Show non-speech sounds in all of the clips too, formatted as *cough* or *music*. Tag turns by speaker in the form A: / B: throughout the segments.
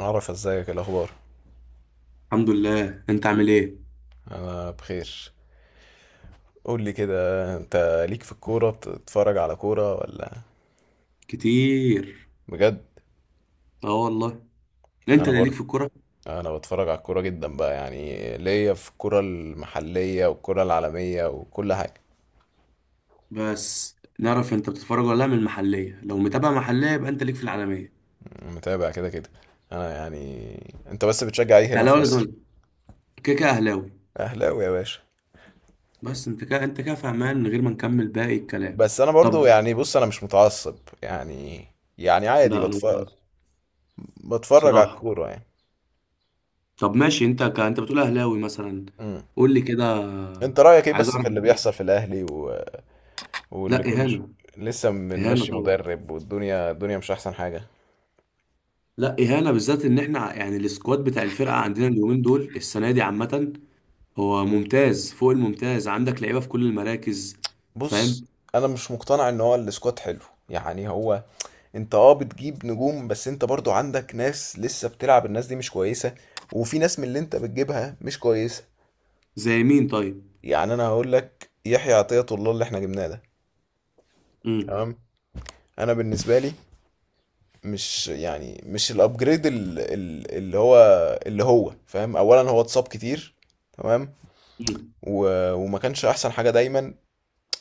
A: عرف ازيك، إيه الاخبار؟
B: الحمد لله. انت عامل ايه؟
A: آه بخير. قول لي كده، انت ليك في الكوره؟ بتتفرج على كوره ولا؟
B: كتير.
A: بجد؟
B: اه والله. انت
A: انا
B: اللي ليك
A: برضه
B: في الكوره.
A: انا بتفرج على الكوره جدا بقى، يعني ليا في الكوره المحليه والكوره العالميه وكل حاجه.
B: بس نعرف انت بتتفرج ولا لا؟ من المحليه لو متابع محليه يبقى انت ليك في العالميه.
A: متابع كده كده. انا يعني انت بس بتشجع ايه هنا في
B: اهلاوي ولا
A: مصر؟
B: زمالك؟ كده كده اهلاوي.
A: اهلاوي يا باشا.
B: بس انت كده فهمان من غير ما نكمل باقي الكلام.
A: بس انا برضو،
B: طب.
A: يعني بص، انا مش متعصب يعني. يعني
B: ده
A: عادي
B: انا
A: بتفرج،
B: متعصب
A: بتفرج على
B: بصراحه.
A: الكوره يعني.
B: طب ماشي، انت بتقول اهلاوي مثلا.
A: امم.
B: قول لي كده.
A: انت رايك ايه
B: عايز
A: بس
B: اعرف
A: في اللي
B: انت.
A: بيحصل في الاهلي؟
B: لا
A: واللي كل ش...
B: اهانه.
A: لسه
B: اهانه
A: بنمشي
B: طبعا.
A: مدرب، والدنيا الدنيا مش احسن حاجه.
B: لا اهانه، بالذات ان احنا يعني السكواد بتاع الفرقه عندنا اليومين دول السنه دي عامه. هو ممتاز فوق الممتاز، عندك لعيبه في كل المراكز.
A: بص،
B: فاهم.
A: انا مش مقتنع ان هو السكواد حلو. يعني هو انت اه بتجيب نجوم، بس انت برضو عندك ناس لسه بتلعب، الناس دي مش كويسه، وفي ناس من اللي انت بتجيبها مش كويسه.
B: زي مين طيب؟
A: يعني انا هقول لك يحيى عطية الله اللي احنا جبناه ده.
B: امم.
A: تمام. انا بالنسبه لي مش يعني مش الابجريد اللي هو، اللي هو فاهم. اولا هو اتصاب كتير، تمام،
B: امم.
A: و... وما كانش احسن حاجه دايما.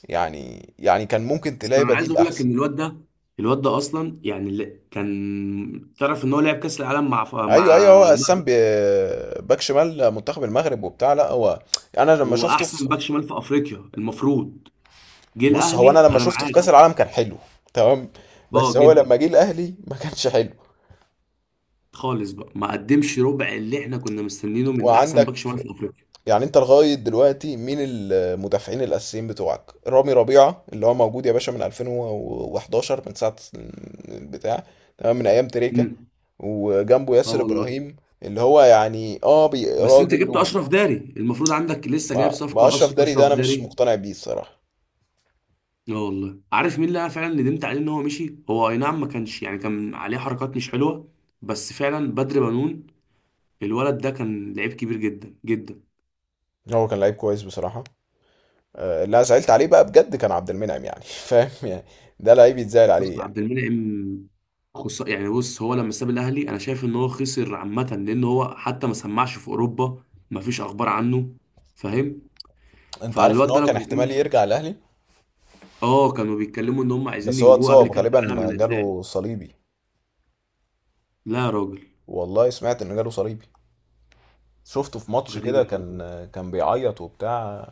A: يعني كان ممكن
B: بس
A: تلاقي
B: انا عايز
A: بديل
B: اقول لك
A: احسن.
B: ان الواد ده، الواد ده اصلا يعني اللي كان، تعرف ان هو لعب كاس العالم
A: ايوه ايوه،
B: مع
A: هو قسام
B: المغرب.
A: باك شمال منتخب المغرب وبتاع، لا هو انا لما
B: وهو
A: شفته في،
B: احسن باك شمال في افريقيا المفروض. جه
A: بص هو انا
B: الاهلي
A: لما
B: انا
A: شفته في
B: معاك.
A: كاس العالم كان حلو، تمام، بس
B: اه
A: هو
B: جدا.
A: لما جه الاهلي ما كانش حلو.
B: خالص بقى، ما قدمش ربع اللي احنا كنا مستنينه من احسن
A: وعندك،
B: باك شمال في افريقيا.
A: يعني انت لغايه دلوقتي مين المدافعين الاساسيين بتوعك؟ رامي ربيعه اللي هو موجود يا باشا من 2011، من ساعه البتاع، تمام، من ايام تريكه.
B: امم.
A: وجنبه
B: اه
A: ياسر
B: والله.
A: ابراهيم اللي هو يعني اه
B: بس انت جبت
A: راجل.
B: اشرف داري، المفروض عندك لسه جايب
A: ما
B: صفقه
A: اشرف داري ده
B: اشرف
A: انا مش
B: داري.
A: مقتنع بيه الصراحه.
B: لا والله، عارف مين اللي انا فعلا ندمت عليه ان هو مشي؟ هو اي نعم ما كانش، يعني كان عليه حركات مش حلوه، بس فعلا بدر بنون. الولد ده كان لعيب كبير جدا جدا.
A: هو كان لعيب كويس بصراحه. آه، اللي انا زعلت عليه بقى بجد كان عبد المنعم، يعني *laughs* فاهم يعني، ده لعيب يتزعل
B: بص،
A: عليه يعني.
B: عبد المنعم، يعني بص، هو لما ساب الاهلي انا شايف ان هو خسر عامه، لان هو حتى ما سمعش في اوروبا. ما فيش اخبار عنه. فاهم.
A: انت عارف ان
B: فالواد
A: هو
B: ده لو
A: كان
B: كان،
A: احتمال يرجع الاهلي؟
B: اه، كانوا بيتكلموا ان هم عايزين
A: بس هو
B: يجيبوه قبل
A: اتصاب،
B: كاس العالم
A: غالبا
B: اللي هيتلعب.
A: جاله صليبي.
B: لا يا راجل.
A: والله سمعت ان جاله صليبي، شفته في ماتش
B: غريب
A: كده
B: الحوار
A: كان،
B: ده.
A: كان بيعيط وبتاع.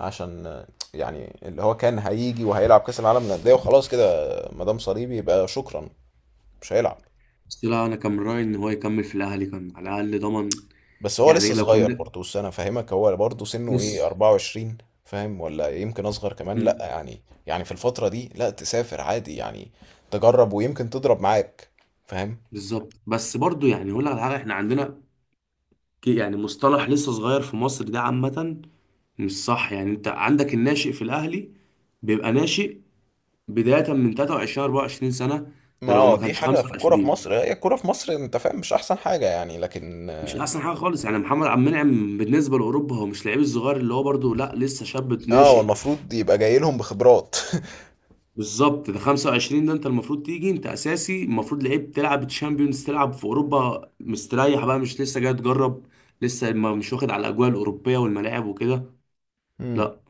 A: عشان يعني اللي هو كان هيجي وهيلعب كاس العالم للانديه وخلاص كده، ما دام صليبي يبقى شكرا، مش هيلعب.
B: بس لا، انا كان من رايي ان هو يكمل في الاهلي، كان على الاقل ضمن.
A: بس هو
B: يعني
A: لسه
B: لو كان،
A: صغير برضه، بس انا فاهمك، هو برضه سنه ايه،
B: بص.
A: 24؟ فاهم؟ ولا يمكن اصغر كمان، لا
B: امم.
A: يعني. يعني في الفترة دي لا تسافر عادي يعني، تجرب، ويمكن تضرب معاك. فاهم.
B: بالظبط. بس برضو، يعني اقول لك على حاجه، احنا عندنا يعني مصطلح لسه صغير في مصر ده عامه. مش صح. يعني انت عندك الناشئ في الاهلي بيبقى ناشئ بدايه من 23 24 سنه.
A: ما
B: ده لو
A: آه،
B: ما
A: دي
B: كانش
A: حاجة في الكورة في
B: 25.
A: مصر، هي الكورة في مصر انت فاهم مش احسن حاجة يعني، لكن
B: مش احسن حاجه خالص. يعني محمد عبد المنعم بالنسبه لاوروبا هو مش لعيب الصغير اللي هو برضو، لا، لسه شاب
A: اه هو
B: ناشئ.
A: المفروض يبقى جاي لهم بخبرات. *laughs*
B: بالظبط. ده 25، ده انت المفروض تيجي انت اساسي، المفروض لعيب تلعب تشامبيونز، تلعب في اوروبا مستريح بقى، مش لسه جاي تجرب. لسه ما مش واخد على الاجواء الاوروبيه والملاعب وكده.
A: امم.
B: لا.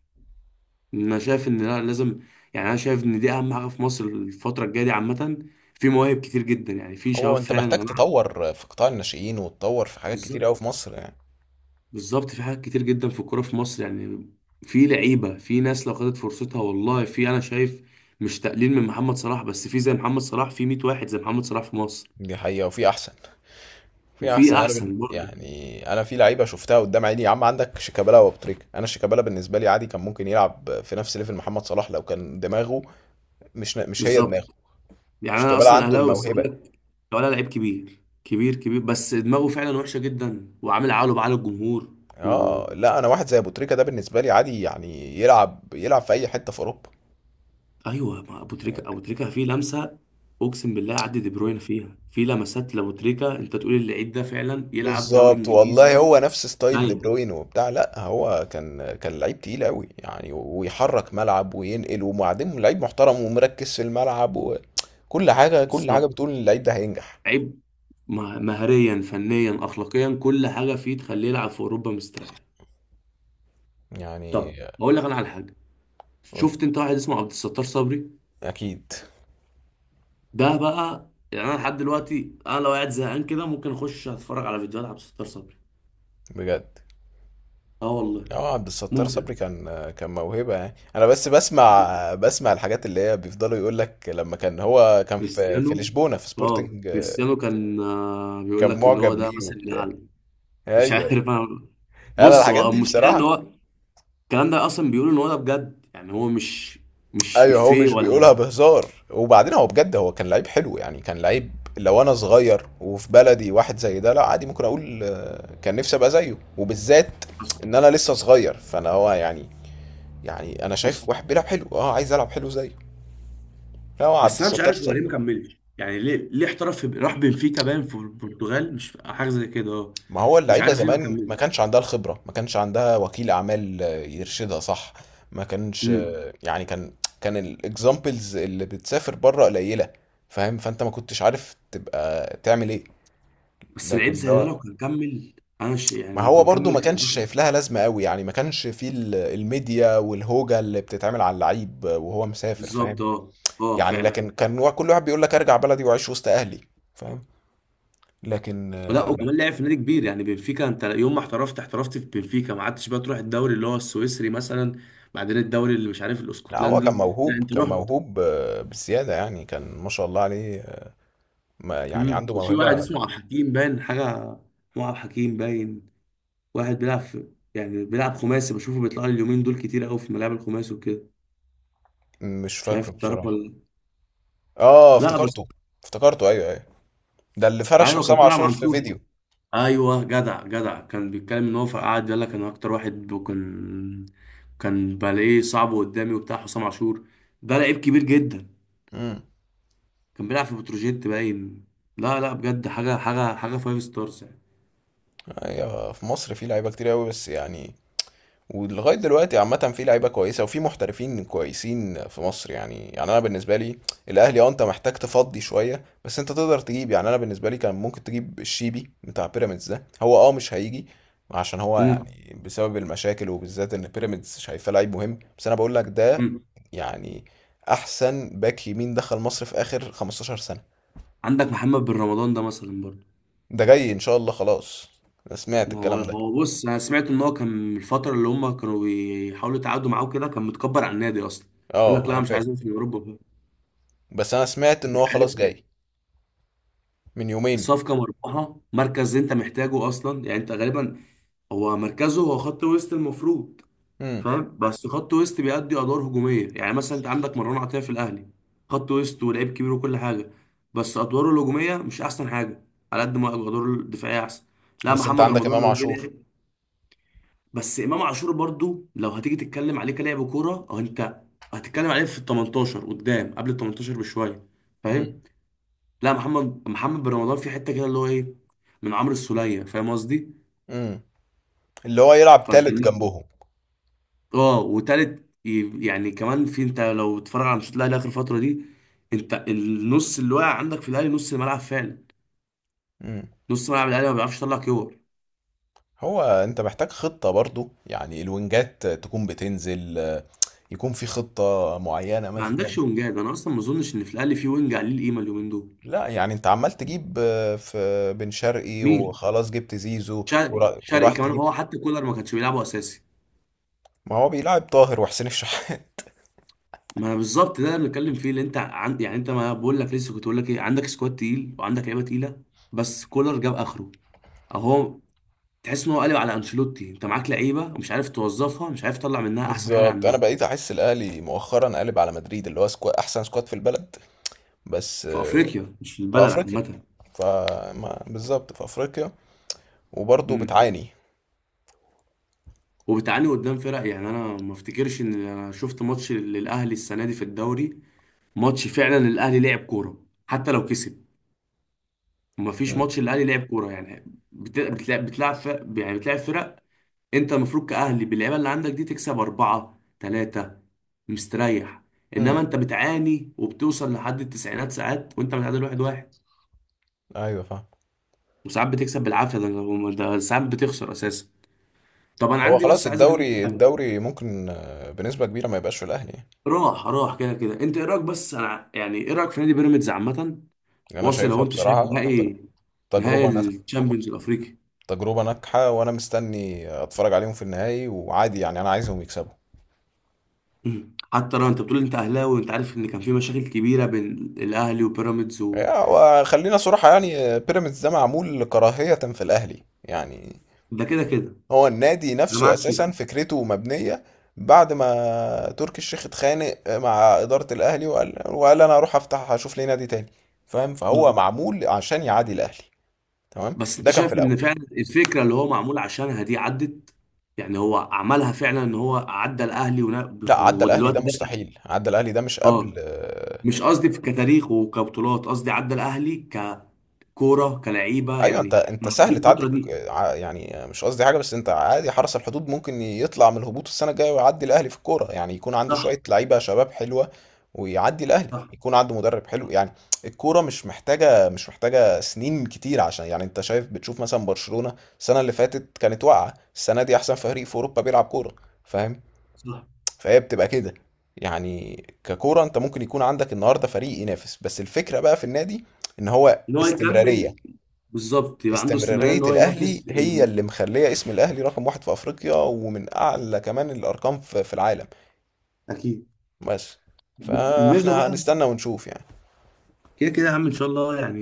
B: انا شايف ان لا، لازم. يعني انا شايف ان دي اهم حاجه في مصر الفتره الجايه دي عامه. في مواهب كتير جدا، يعني في شباب
A: هو انت
B: فعلا يا
A: محتاج
B: جماعه.
A: تطور في قطاع الناشئين، وتطور في حاجات كتير
B: بالظبط.
A: قوي في مصر يعني.
B: بالظبط، في حاجات كتير جدا في الكوره في مصر يعني. في لعيبه، في ناس لو خدت فرصتها والله، في، انا شايف، مش تقليل من محمد صلاح، بس في زي محمد صلاح، في 100 واحد زي محمد صلاح في مصر.
A: دي حقيقة، وفي احسن، في
B: وفي
A: احسن.
B: احسن برضه.
A: يعني انا في لعيبه شفتها قدام عيني يا عم. عندك شيكابالا وابتريكا. انا شيكابالا بالنسبه لي عادي كان ممكن يلعب في نفس ليفل محمد صلاح لو كان دماغه، مش هي دماغه.
B: بالظبط. يعني انا
A: شيكابالا
B: اصلا
A: عنده
B: اهلاوي بس بقول
A: الموهبه.
B: لك، لو انا لعيب كبير كبير كبير بس دماغه فعلا وحشه جدا وعامل عقله بعقل الجمهور. و
A: اه لا، انا واحد زي ابو تريكه ده بالنسبه لي عادي يعني يلعب، يلعب في اي حته في اوروبا.
B: ايوه، ما ابو تريكا فيه لمسه. اقسم بالله، عدي دي بروين فيها، في لمسات لابو تريكا انت تقول اللعيب ده فعلا يلعب دوري
A: بالظبط، والله
B: انجليزي.
A: هو نفس ستايل دي
B: ايوه.
A: بروين وبتاع، لا هو كان، كان لعيب تقيل قوي يعني، ويحرك ملعب وينقل، وبعدين لعيب محترم ومركز في الملعب، وكل حاجه، كل حاجه
B: بالظبط.
A: بتقول إن اللعيب ده هينجح
B: لعيب مهريا فنيا اخلاقيا، كل حاجه فيه تخليه يلعب في اوروبا مستريح.
A: يعني.
B: طب اقول لك انا على حاجه. شفت انت واحد اسمه عبد الستار صبري؟
A: اكيد.
B: ده بقى، يعني انا لحد دلوقتي انا لو قاعد زهقان كده ممكن اخش اتفرج على فيديوهات عبد الستار صبري.
A: بجد.
B: اه والله.
A: اه عبد الستار
B: ممتع.
A: صبري كان، كان موهبه يعني. انا بس بسمع، بسمع الحاجات اللي هي بيفضلوا يقول لك لما كان هو كان في في
B: كريستيانو.
A: لشبونه، في
B: اه
A: سبورتنج، آه،
B: كريستيانو كان، بيقول
A: كان
B: لك ان هو
A: معجب
B: ده
A: بيه
B: مثل
A: وبتاع.
B: الاعلى. *laughs* مش عارف
A: ايوه.
B: انا.
A: انا
B: بص،
A: الحاجات
B: هو
A: دي
B: المشكله ان
A: بصراحه،
B: هو، الكلام ده اصلا بيقول ان هو ده بجد، يعني هو مش، مش
A: ايوه. هو
B: افيه
A: مش بيقولها
B: ولا.
A: بهزار. وبعدين هو بجد هو كان لعيب حلو يعني، كان لعيب لو انا صغير وفي بلدي واحد زي ده، لا عادي ممكن اقول آه، كان نفسي ابقى زيه، وبالذات
B: حصل.
A: ان انا لسه صغير، فانا هو يعني، يعني أنا
B: حصل.
A: شايف واحد بيلعب حلو، آه عايز ألعب حلو زيه. لا هو عبد
B: بس انا مش
A: الستار
B: عارف هو
A: صب.
B: ليه ما كملش، يعني ليه احترف في، راح بنفيكا باين في البرتغال، مش حاجه زي كده، اه.
A: ما هو
B: مش
A: اللعيبة
B: عارف ليه ما
A: زمان ما
B: كملش.
A: كانش عندها الخبرة، ما كانش عندها وكيل أعمال آه، يرشدها صح. ما كانش
B: امم.
A: آه، يعني كان، كان الاكزامبلز اللي بتسافر بره قليلة. فاهم؟ فأنت ما كنتش عارف تبقى تعمل إيه.
B: بس العيب
A: لكن اللي
B: زي ده
A: هو،
B: لو كان كمل، انا شيء يعني
A: ما
B: لو
A: هو
B: كان
A: برضو
B: كمل
A: ما
B: كان
A: كانش
B: يروح.
A: شايف لها لازمة قوي يعني، ما كانش فيه الميديا والهوجة اللي بتتعمل على اللعيب وهو مسافر. فاهم؟
B: بالظبط. اه. اه
A: يعني
B: فعلا.
A: لكن كان كل واحد بيقول لك ارجع بلدي واعيش وسط اهلي. فاهم؟ لكن آه،
B: ولا
A: لا.
B: وكمان لعب في نادي كبير، يعني بنفيكا. انت يوم ما احترفت، في بنفيكا، ما عدتش بقى تروح الدوري اللي هو السويسري مثلا. بعدين الدوري اللي مش عارف
A: لا هو كان
B: الاسكتلندي، لا
A: موهوب،
B: انت
A: كان
B: رحت.
A: موهوب آه، بزيادة يعني، كان ما شاء الله عليه آه، ما يعني
B: امم.
A: عنده
B: وفي واحد
A: موهبة.
B: اسمه عبد الحكيم باين حاجه، اسمه عبد الحكيم باين. واحد بيلعب في، يعني بيلعب خماسي. بشوفه بيطلع لي اليومين دول كتير قوي في ملاعب الخماسي وكده.
A: مش
B: مش عارف
A: فاكره
B: تعرف
A: بصراحة.
B: ولا
A: اه
B: لا؟ بس
A: افتكرته، افتكرته، ايوه ايوه، ده اللي فرش
B: ايوه، كان
A: حسام
B: طلع
A: عاشور
B: مع،
A: في فيديو.
B: ايوه جدع جدع. كان بيتكلم ان هو، فقعد يقول لك انا اكتر واحد، وكان بلاقيه صعب قدامي وبتاع حسام عاشور. ده لعيب كبير جدا.
A: امم.
B: كان بيلعب في بتروجيت باين. لا لا، بجد حاجه حاجه حاجه، فايف ستارز يعني.
A: ايوه، في مصر في لعيبة كتير قوي بس يعني. ولغايه دلوقتي عامه في لعيبه كويسه وفي محترفين كويسين في مصر يعني. يعني انا بالنسبه لي الاهلي اه انت محتاج تفضي شويه، بس انت تقدر تجيب. يعني انا بالنسبه لي كان ممكن تجيب الشيبي بتاع بيراميدز ده. هو اه مش هيجي عشان هو
B: امم.
A: يعني بسبب المشاكل، وبالذات ان بيراميدز شايفاه لعيب مهم، بس انا بقول لك ده
B: امم.
A: يعني احسن باك يمين دخل مصر في اخر 15 سنه.
B: عندك محمد بن رمضان ده مثلا برضه.
A: ده جاي ان شاء الله خلاص، انا سمعت
B: ما هو
A: الكلام ده.
B: بص، انا سمعت ان هو كان من الفتره اللي هم كانوا بيحاولوا يتعاقدوا معاه كده، كان متكبر على النادي اصلا. يقول لك
A: اه
B: لا
A: انا
B: أنا مش
A: فاكر.
B: عايزين في اوروبا.
A: بس انا سمعت ان
B: مش
A: هو
B: عارف
A: خلاص
B: يعني.
A: جاي من يومين.
B: الصفقه مربحه، مركز انت محتاجه اصلا. يعني انت غالبا، هو مركزه هو خط وسط المفروض. فاهم؟ بس خط وسط بيأدي ادوار هجوميه. يعني مثلا انت عندك مروان عطيه في الاهلي، خط وسط ولعيب كبير وكل حاجه، بس ادواره الهجوميه مش احسن حاجه، على قد ما ادواره الدفاعيه احسن. لا
A: بس انت
B: محمد
A: عندك
B: رمضان
A: امام
B: لو جه
A: عاشور.
B: لعب. بس امام عاشور برضو، لو هتيجي تتكلم عليه كلاعب كوره، او انت هتتكلم عليه في ال 18 قدام، قبل ال 18 بشويه.
A: امم.
B: فاهم؟ لا، محمد بن رمضان في حته كده، اللي هو ايه، من عمرو السوليه، فاهم قصدي.
A: امم. اللي هو يلعب
B: فانت،
A: تالت جنبهم.
B: اه، وتالت يعني كمان، في انت لو تتفرج على ماتشات الاهلي اخر فتره دي، انت النص اللي واقع عندك في الاهلي، نص الملعب فعلا،
A: امم.
B: نص ملعب الاهلي ما بيعرفش يطلع كور.
A: هو انت محتاج خطة برضو، يعني الوينجات تكون بتنزل آه، يكون في خطة معينة
B: ما
A: مثلا.
B: عندكش وينجات، انا اصلا ما اظنش ان في الاهلي في وينج عليه القيمه اليومين دول.
A: لا يعني انت عمال تجيب آه، في بن شرقي
B: مين؟
A: وخلاص، جبت زيزو
B: شرقي، شرقي
A: وراح
B: كمان
A: تجيب.
B: هو حتى كولر ما كانش بيلعبه اساسي.
A: ما هو بيلعب طاهر وحسين الشحات.
B: ما انا بالظبط، ده اللي بنتكلم فيه، اللي انت عند يعني انت، ما بقول لك لسه كنت بقول لك ايه، عندك سكواد تقيل وعندك لعيبه تقيله. بس كولر جاب اخره. اهو. تحس ان هو قلب على انشيلوتي، انت معاك لعيبه ومش عارف توظفها، مش عارف تطلع
A: *laughs*
B: منها احسن حاجه
A: بالظبط، انا
B: عندها.
A: بقيت احس الاهلي مؤخرا قالب على مدريد، اللي هو سكواد احسن سكواد في البلد، بس
B: في
A: آه،
B: افريقيا مش في
A: في
B: البلد
A: افريقيا.
B: عامه.
A: فما بالظبط في افريقيا، وبرضه
B: امم.
A: بتعاني.
B: وبتعاني قدام فرق. يعني انا ما افتكرش ان انا شفت ماتش للاهلي السنه دي في الدوري، ماتش فعلا الاهلي لعب كوره حتى لو كسب. ما فيش
A: مم.
B: ماتش الاهلي لعب كوره يعني. بتلعب، فرق يعني، بتلعب فرق. انت المفروض كاهلي باللعيبه اللي عندك دي تكسب 4-3 مستريح.
A: مم.
B: انما انت بتعاني، وبتوصل لحد التسعينات ساعات وانت متعادل 1-1،
A: ايوه فاهم.
B: وساعات بتكسب بالعافيه ده. ده ساعات بتخسر اساسا. طب انا
A: هو بس
B: عندي،
A: خلاص
B: بس عايز اكلمك.
A: الدوري، الدوري ممكن آه، بنسبة كبيرة ما يبقاش في الأهلي.
B: راح راح كده كده. انت ايه رايك، بس انا يعني، ايه رايك في نادي بيراميدز عامه؟
A: يعني، أنا
B: واصل، لو
A: شايفها
B: انت شايف،
A: بصراحة
B: نهائي، نهائي
A: تجربة ناجحة،
B: الشامبيونز الافريقي.
A: تجربة ناجحة، وأنا مستني أتفرج عليهم في النهائي، وعادي يعني أنا عايزهم يكسبوا.
B: مم. حتى لو انت بتقول انت اهلاوي، وانت عارف ان كان في مشاكل كبيره بين الاهلي وبيراميدز
A: يعني،
B: و...
A: آه، وخلينا صراحة يعني آه، بيراميدز ده معمول كراهية في الأهلي يعني.
B: ده كده كده.
A: هو النادي
B: انا
A: نفسه
B: معاك فيها.
A: اساسا فكرته مبنيه بعد ما تركي الشيخ اتخانق مع اداره الاهلي، وقال انا هروح افتح هشوف لي نادي تاني. فاهم؟ فهو
B: اه.
A: معمول عشان يعادي الاهلي، تمام.
B: بس انت
A: ده كان في
B: شايف
A: الاول.
B: ان فعلا الفكره اللي هو معمول عشانها دي عدت؟ يعني هو عملها فعلا ان هو عدى الاهلي،
A: لا، عدى الاهلي ده
B: ودلوقتي دخل؟
A: مستحيل، عدى الاهلي ده مش قبل
B: اه.
A: آه.
B: مش قصدي في كتاريخ وكبطولات، قصدي عدى الاهلي ككوره كلعيبه
A: ايوه، انت
B: يعني،
A: انت
B: معدي
A: سهل تعدي
B: الفتره دي.
A: يعني مش قصدي حاجه، بس انت عادي حرس الحدود ممكن يطلع من الهبوط السنه الجايه ويعدي الاهلي في الكوره يعني، يكون عنده
B: صح.
A: شويه لعيبه شباب حلوه، ويعدي الاهلي،
B: صح.
A: يكون عنده مدرب حلو يعني. الكوره مش محتاجه سنين كتير، عشان يعني انت شايف، بتشوف مثلا برشلونه السنه اللي فاتت كانت واقعه، السنه دي احسن فريق في اوروبا بيلعب كوره. فاهم؟
B: صح.
A: فهي بتبقى كده يعني. ككوره انت ممكن يكون عندك النهارده فريق ينافس، بس الفكره بقى في النادي ان هو
B: ان هو يكمل.
A: استمراريه.
B: بالظبط، يبقى عنده استمراريه
A: استمرارية
B: ان هو
A: الأهلي
B: ينافس
A: هي
B: ال...
A: اللي مخلية اسم الأهلي رقم واحد في أفريقيا، ومن أعلى كمان الأرقام في العالم.
B: اكيد.
A: بس،
B: بالنسبه
A: فاحنا
B: بقى،
A: هنستنى ونشوف يعني.
B: كده كده يا عم ان شاء الله يعني.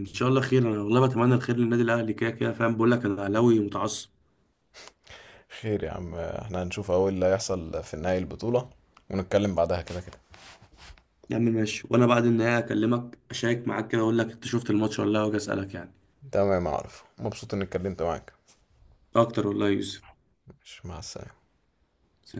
B: ان شاء الله خير. انا والله بتمنى الخير للنادي الاهلي كده كده، فاهم، بقول لك انا اهلاوي متعصب.
A: خير يا عم، احنا هنشوف أول اللي هيحصل في نهاية البطولة ونتكلم بعدها كده كده.
B: يا عم ماشي، وانا بعد النهايه اكلمك اشارك معاك كده، اقول لك انت شفت الماتش ولا لا؟ واجي اسالك يعني.
A: تمام يا عارف، مبسوط إني اتكلمت معاك.
B: اكتر والله يا يوسف.
A: ماشي، مع السلامة.
B: سلام.